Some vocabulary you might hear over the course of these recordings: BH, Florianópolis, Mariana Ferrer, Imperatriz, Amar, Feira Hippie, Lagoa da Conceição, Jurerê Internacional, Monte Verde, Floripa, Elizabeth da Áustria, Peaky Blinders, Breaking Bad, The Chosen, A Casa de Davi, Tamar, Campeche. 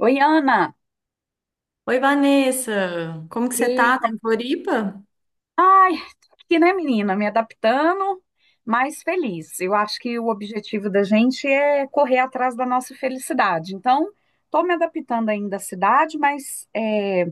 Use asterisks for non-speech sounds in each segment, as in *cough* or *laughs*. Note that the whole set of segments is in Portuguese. Oi, Ana. Oi, Vanessa, como que você E, tá? Tá em como- Floripa? ai, tô aqui, né, menina, me adaptando, mas feliz. Eu acho que o objetivo da gente é correr atrás da nossa felicidade. Então, tô me adaptando ainda à cidade, mas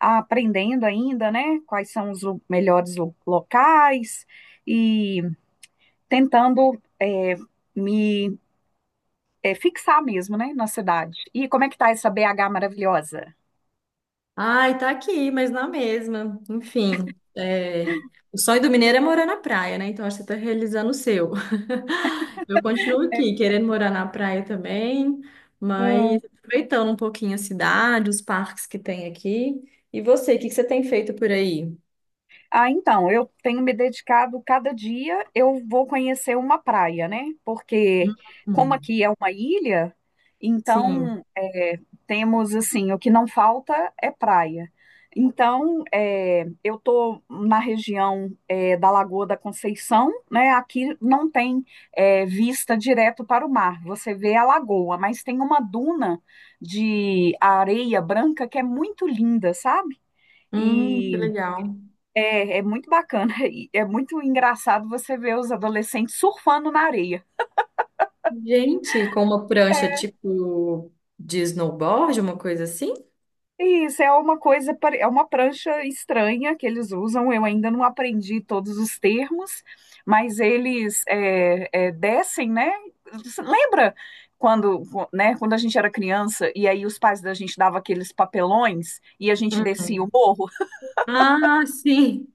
aprendendo ainda, né, quais são os melhores locais e tentando me fixar mesmo, né, na cidade. E como é que tá essa BH maravilhosa? Ai, tá aqui, mas na mesma. Enfim, o sonho do mineiro é morar na praia, né? Então acho que você tá realizando o seu. *laughs* Eu continuo aqui, querendo morar na praia também, mas aproveitando um pouquinho a cidade, os parques que tem aqui. E você, o que que você tem feito por aí? Ah, então, eu tenho me dedicado cada dia, eu vou conhecer uma praia, né? Porque como Hum, aqui é uma ilha, sim. então temos assim, o que não falta é praia. Então, eu estou na região da Lagoa da Conceição, né? Aqui não tem vista direto para o mar, você vê a lagoa, mas tem uma duna de areia branca que é muito linda, sabe? Que E legal. é, é muito bacana *laughs* e é muito engraçado você ver os adolescentes surfando na areia. Gente, com uma prancha É. tipo de snowboard, uma coisa assim? E isso é uma coisa, é uma prancha estranha que eles usam. Eu ainda não aprendi todos os termos, mas eles descem, né? Você Lembra quando, né, quando a gente era criança e aí os pais da gente davam aqueles papelões e a gente descia o morro? *laughs* Ah, sim.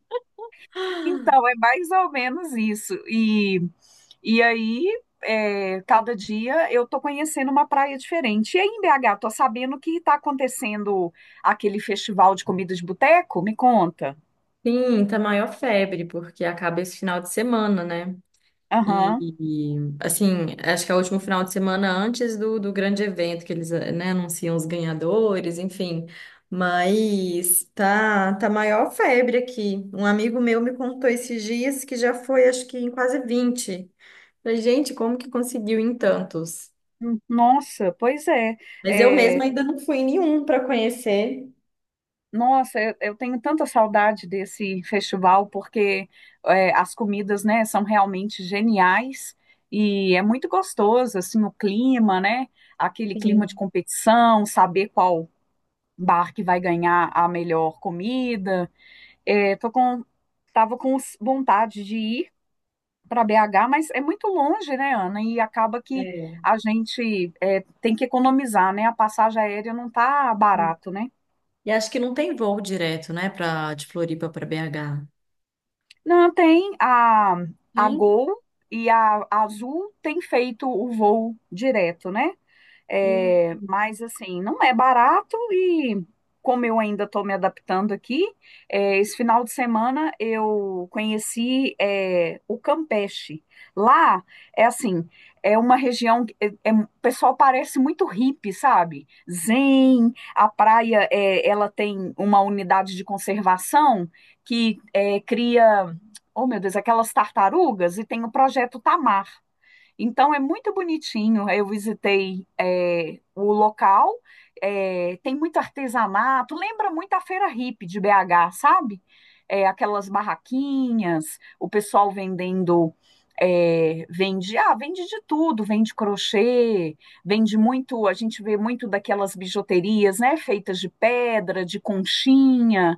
Então, é mais ou menos isso. E aí, cada dia eu tô conhecendo uma praia diferente. E aí, em BH, tô sabendo que tá acontecendo aquele festival de comida de boteco? Me conta. Sim, tá maior febre, porque acaba esse final de semana, né? Aham. E, assim, acho que é o último final de semana antes do, do grande evento, que eles, né, anunciam os ganhadores, enfim. Mas tá maior febre aqui. Um amigo meu me contou esses dias que já foi, acho que em quase 20. Falei, gente, como que conseguiu em tantos? Nossa, pois é. Mas eu É, mesma ainda não fui em nenhum para conhecer. nossa, eu tenho tanta saudade desse festival porque as comidas, né, são realmente geniais e é muito gostoso, assim, o clima, né? Aquele clima de Sim. competição, saber qual bar que vai ganhar a melhor comida. É, tava com vontade de ir para BH, mas é muito longe, né, Ana? E acaba que É. a gente tem que economizar, né? A passagem aérea não tá barato, né? E acho que não tem voo direto, né, pra, de Floripa para BH. Não, tem a Tem? Gol e a Azul tem feito o voo direto, né? Hum. É, mas assim, não é barato e como eu ainda estou me adaptando aqui, esse final de semana eu conheci o Campeche. Lá é assim, é uma região que o pessoal parece muito hippie, sabe? Zen, a praia ela tem uma unidade de conservação que cria, oh meu Deus, aquelas tartarugas e tem o projeto Tamar. Então é muito bonitinho. Eu visitei o local, tem muito artesanato, lembra muito a Feira Hippie de BH, sabe? É, aquelas barraquinhas, o pessoal vendendo, vende de tudo, vende crochê, vende muito, a gente vê muito daquelas bijuterias, né, feitas de pedra, de conchinha.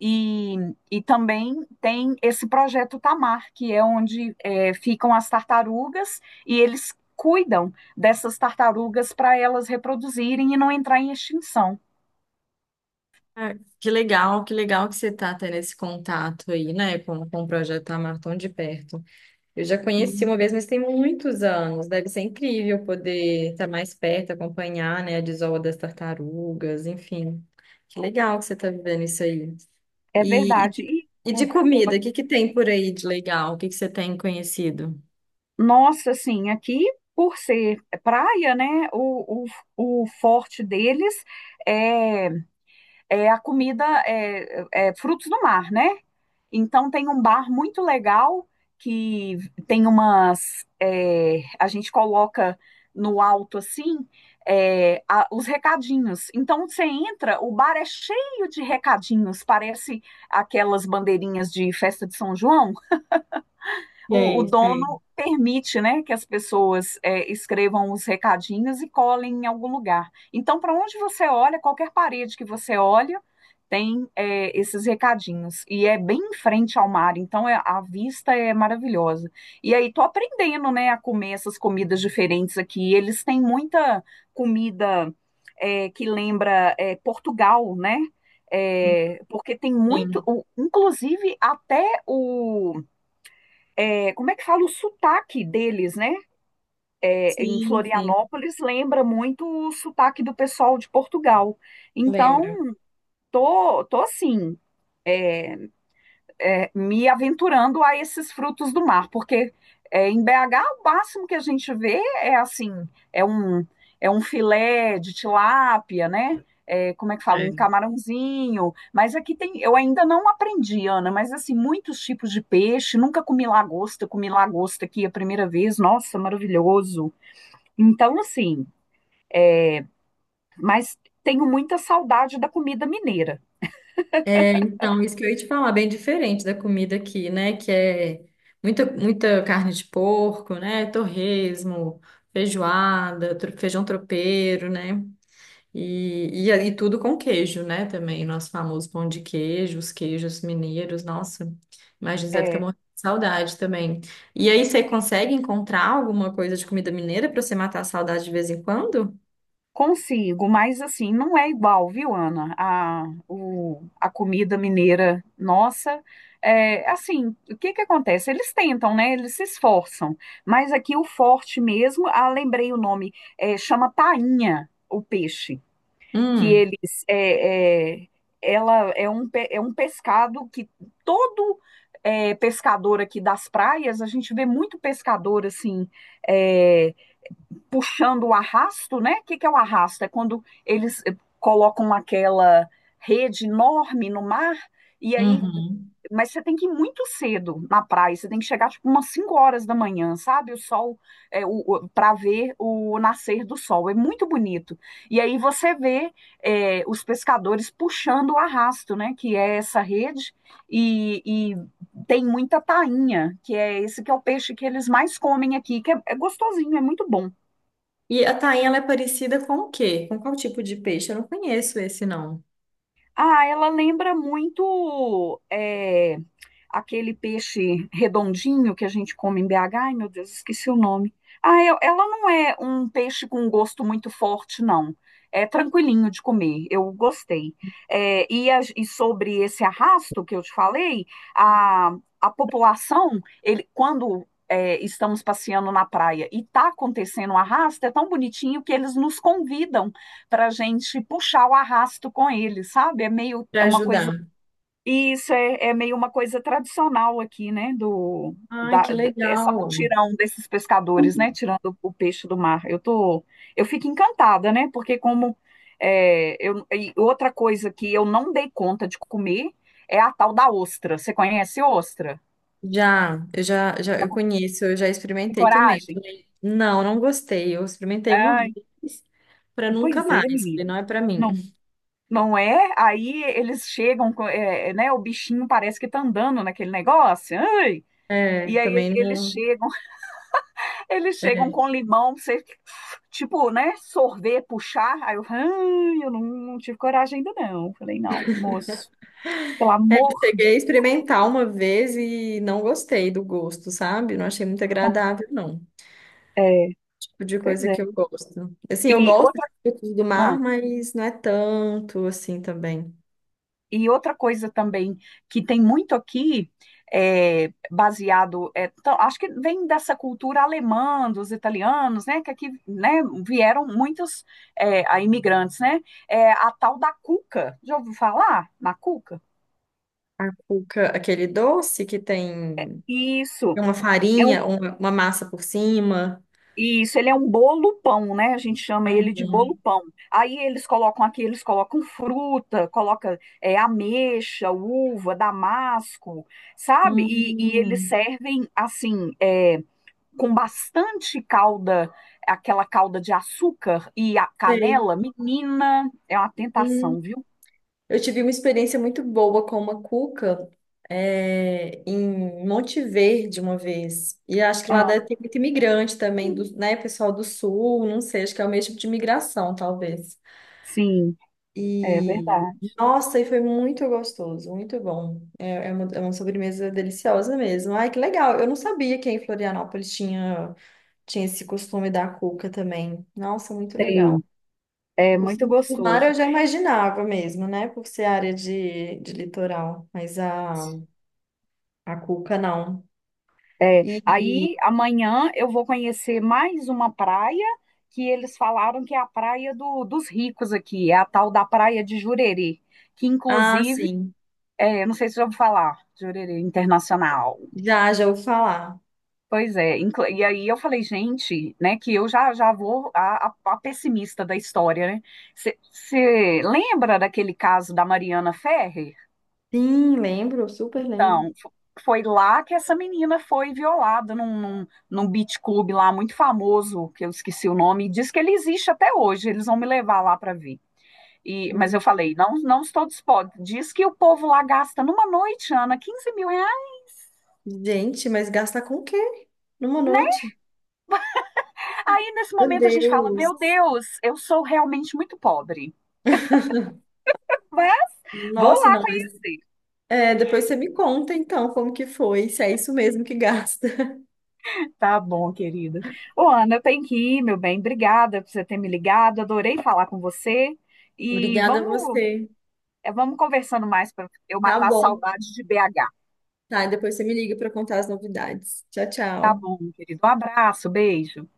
E, e também tem esse projeto Tamar, que é onde ficam as tartarugas e eles cuidam dessas tartarugas para elas reproduzirem e não entrar em extinção. Ah, que legal, que legal que você tá tendo esse contato aí, né, com o projeto Amar tão de perto. Eu já conheci Sim. uma vez, mas tem muitos anos. Deve ser incrível poder estar mais perto, acompanhar, né, a desova das tartarugas, enfim. Que legal que você tá vivendo isso aí. É E, e verdade. de E, e de comida, o que que tem por aí de legal? O que que você tem conhecido? nossa, assim, aqui, por ser praia, né, o, o forte deles é, é a comida, é frutos do mar, né? Então tem um bar muito legal que tem umas, a gente coloca no alto assim os recadinhos. Então você entra, o bar é cheio de recadinhos, parece aquelas bandeirinhas de festa de São João. O Sei, sei. dono permite, né, que as pessoas escrevam os recadinhos e colem em algum lugar. Então, para onde você olha, qualquer parede que você olha, tem esses recadinhos. E é bem em frente ao mar, então a vista é maravilhosa. E aí, tô aprendendo, né, a comer essas comidas diferentes aqui. Eles têm muita comida que lembra Portugal, né? É, porque tem muito, Sim, inclusive até o como é que fala o sotaque deles, né? É, em sim, sim. Florianópolis lembra muito o sotaque do pessoal de Portugal. Então, Lembro. tô assim. é, me aventurando a esses frutos do mar, porque em BH o máximo que a gente vê é assim, é um, é um filé de tilápia, né? É, como é que fala? Um É. camarãozinho. Mas aqui tem, eu ainda não aprendi, Ana, mas assim, muitos tipos de peixe, nunca comi lagosta, comi lagosta aqui a primeira vez, nossa, maravilhoso. Então, assim, mas tenho muita saudade da comida mineira. É, então, isso que eu ia te falar, bem diferente da comida aqui, né? Que é muita carne de porco, né? Torresmo, feijoada, feijão tropeiro, né? E tudo com queijo, né? Também, nosso famoso pão de queijo, os queijos mineiros, nossa, imagina, deve ter É, morrendo de saudade também. E aí, você consegue encontrar alguma coisa de comida mineira para você matar a saudade de vez em quando? Consigo, mas assim, não é igual, viu, Ana? A comida mineira nossa. É, assim, o que que acontece? Eles tentam, né? Eles se esforçam. Mas aqui o forte mesmo, ah, lembrei o nome, chama tainha, o peixe, que Hum, eles, é, é, ela é um, pe- é um pescado que todo pescador aqui das praias, a gente vê muito pescador assim, é, puxando o arrasto, né? O que, que é o arrasto? É quando eles colocam aquela rede enorme no mar, e aí. uhum. Mas você tem que ir muito cedo na praia, você tem que chegar tipo umas 5 horas da manhã, sabe? O sol, é, para ver o nascer do sol, é muito bonito. E aí você vê os pescadores puxando o arrasto, né? Que é essa rede, e tem muita tainha, que é esse que é o peixe que eles mais comem aqui, que é gostosinho, é muito bom. E a tainha, ela é parecida com o quê? Com qual tipo de peixe? Eu não conheço esse, não. Ah, ela lembra muito, aquele peixe redondinho que a gente come em BH. Ai, meu Deus, esqueci o nome. Ah, ela não é um peixe com um gosto muito forte, não. É tranquilinho de comer, eu gostei. É, e sobre esse arrasto que eu te falei, a, a população, ele, quando estamos passeando na praia e está acontecendo um arrasto, é tão bonitinho que eles nos convidam para a gente puxar o arrasto com eles, sabe? É meio, Para é uma ajudar. coisa e isso é meio uma coisa tradicional aqui, né? Do, Ai, da, que da- essa legal. mutirão desses pescadores, né? Tirando o peixe do mar. Eu fico encantada, né? Porque como é, eu, e outra coisa que eu não dei conta de comer é a tal da ostra. Você conhece ostra? Já, eu já, Já eu comeu? conheço, eu já Tem experimentei também. coragem? Falei, não, não gostei. Eu experimentei uma Ai, vez para nunca pois é, mais. Falei, menino. não é para Não, mim. não é? Aí eles chegam, né? O bichinho parece que tá andando naquele negócio. Ai, É, e aí também eles não. chegam. Eles chegam É. com limão, você, tipo, né, sorver, puxar. Aí eu, "Ai, eu não, não tive coragem ainda não. Falei, não, moço, pelo É, eu amor cheguei de a Deus. experimentar uma vez e não gostei do gosto, sabe? Não achei muito agradável, não. É, Tipo de pois coisa é. que eu gosto. Assim, E eu gosto outra, de frutos do ah, mar, mas não é tanto assim também. e outra coisa também que tem muito aqui, baseado, então, acho que vem dessa cultura alemã, dos italianos, né, que aqui, né, vieram muitos é, a imigrantes, né, é a tal da cuca. Já ouviu falar na cuca? Cuca, aquele doce que tem Isso. uma é um farinha, uma massa por cima. Isso, ele é um bolo pão, né? A gente chama Uhum. ele de bolo pão. Aí eles colocam aqui, eles colocam fruta, coloca ameixa, uva, damasco, sabe? E eles Hum, servem assim, com bastante calda, aquela calda de açúcar e a sei. canela. Menina, é uma Hum, tentação, viu? eu tive uma experiência muito boa com uma cuca em Monte Verde uma vez. E acho que lá Ah, deve ter muito imigrante também, do, né, pessoal do sul, não sei, acho que é o mesmo tipo de imigração, talvez. sim, é E verdade. nossa, e foi muito gostoso, muito bom. É, é uma sobremesa deliciosa mesmo. Ai, que legal! Eu não sabia que em Florianópolis tinha. Tinha esse costume da cuca também. Nossa, muito legal. Tem, é Por, muito por mar eu gostoso. já imaginava mesmo, né? Por ser área de litoral. Mas a cuca não. E, Aí e- amanhã eu vou conhecer mais uma praia que eles falaram que é a praia dos ricos aqui, é a tal da Praia de Jurerê, que ah, inclusive, sim. Eu não sei se já ouviu falar, Jurerê Internacional. Já, já ouvi falar. Pois é, e aí eu falei, gente, né, que eu já, já vou a pessimista da história, né? Você lembra daquele caso da Mariana Ferrer? Sim, lembro, super lembro. Então, foi lá que essa menina foi violada num, beach club lá muito famoso, que eu esqueci o nome, e diz que ele existe até hoje, eles vão me levar lá para ver. E, mas eu Hum. falei, não, não estou disposta. Diz que o povo lá gasta numa noite, Ana, R$ 15.000, Gente, mas gasta com o quê? Numa né? noite? Aí nesse Meu momento a gente fala, meu Deus. Deus, eu sou realmente muito pobre. Vai, vou Nossa, lá não, mas conhecer. é, depois você me conta então como que foi, se é isso mesmo que gasta. Tá bom, querida. Ô, Ana, eu tenho que ir, meu bem. Obrigada por você ter me ligado. Adorei falar com você. *laughs* E Obrigada a vamos, você. É, vamos conversando mais para eu Tá matar a bom. saudade de BH. Tá, depois você me liga para contar as novidades. Tchau, Tá tchau. bom, querido. Um abraço, beijo.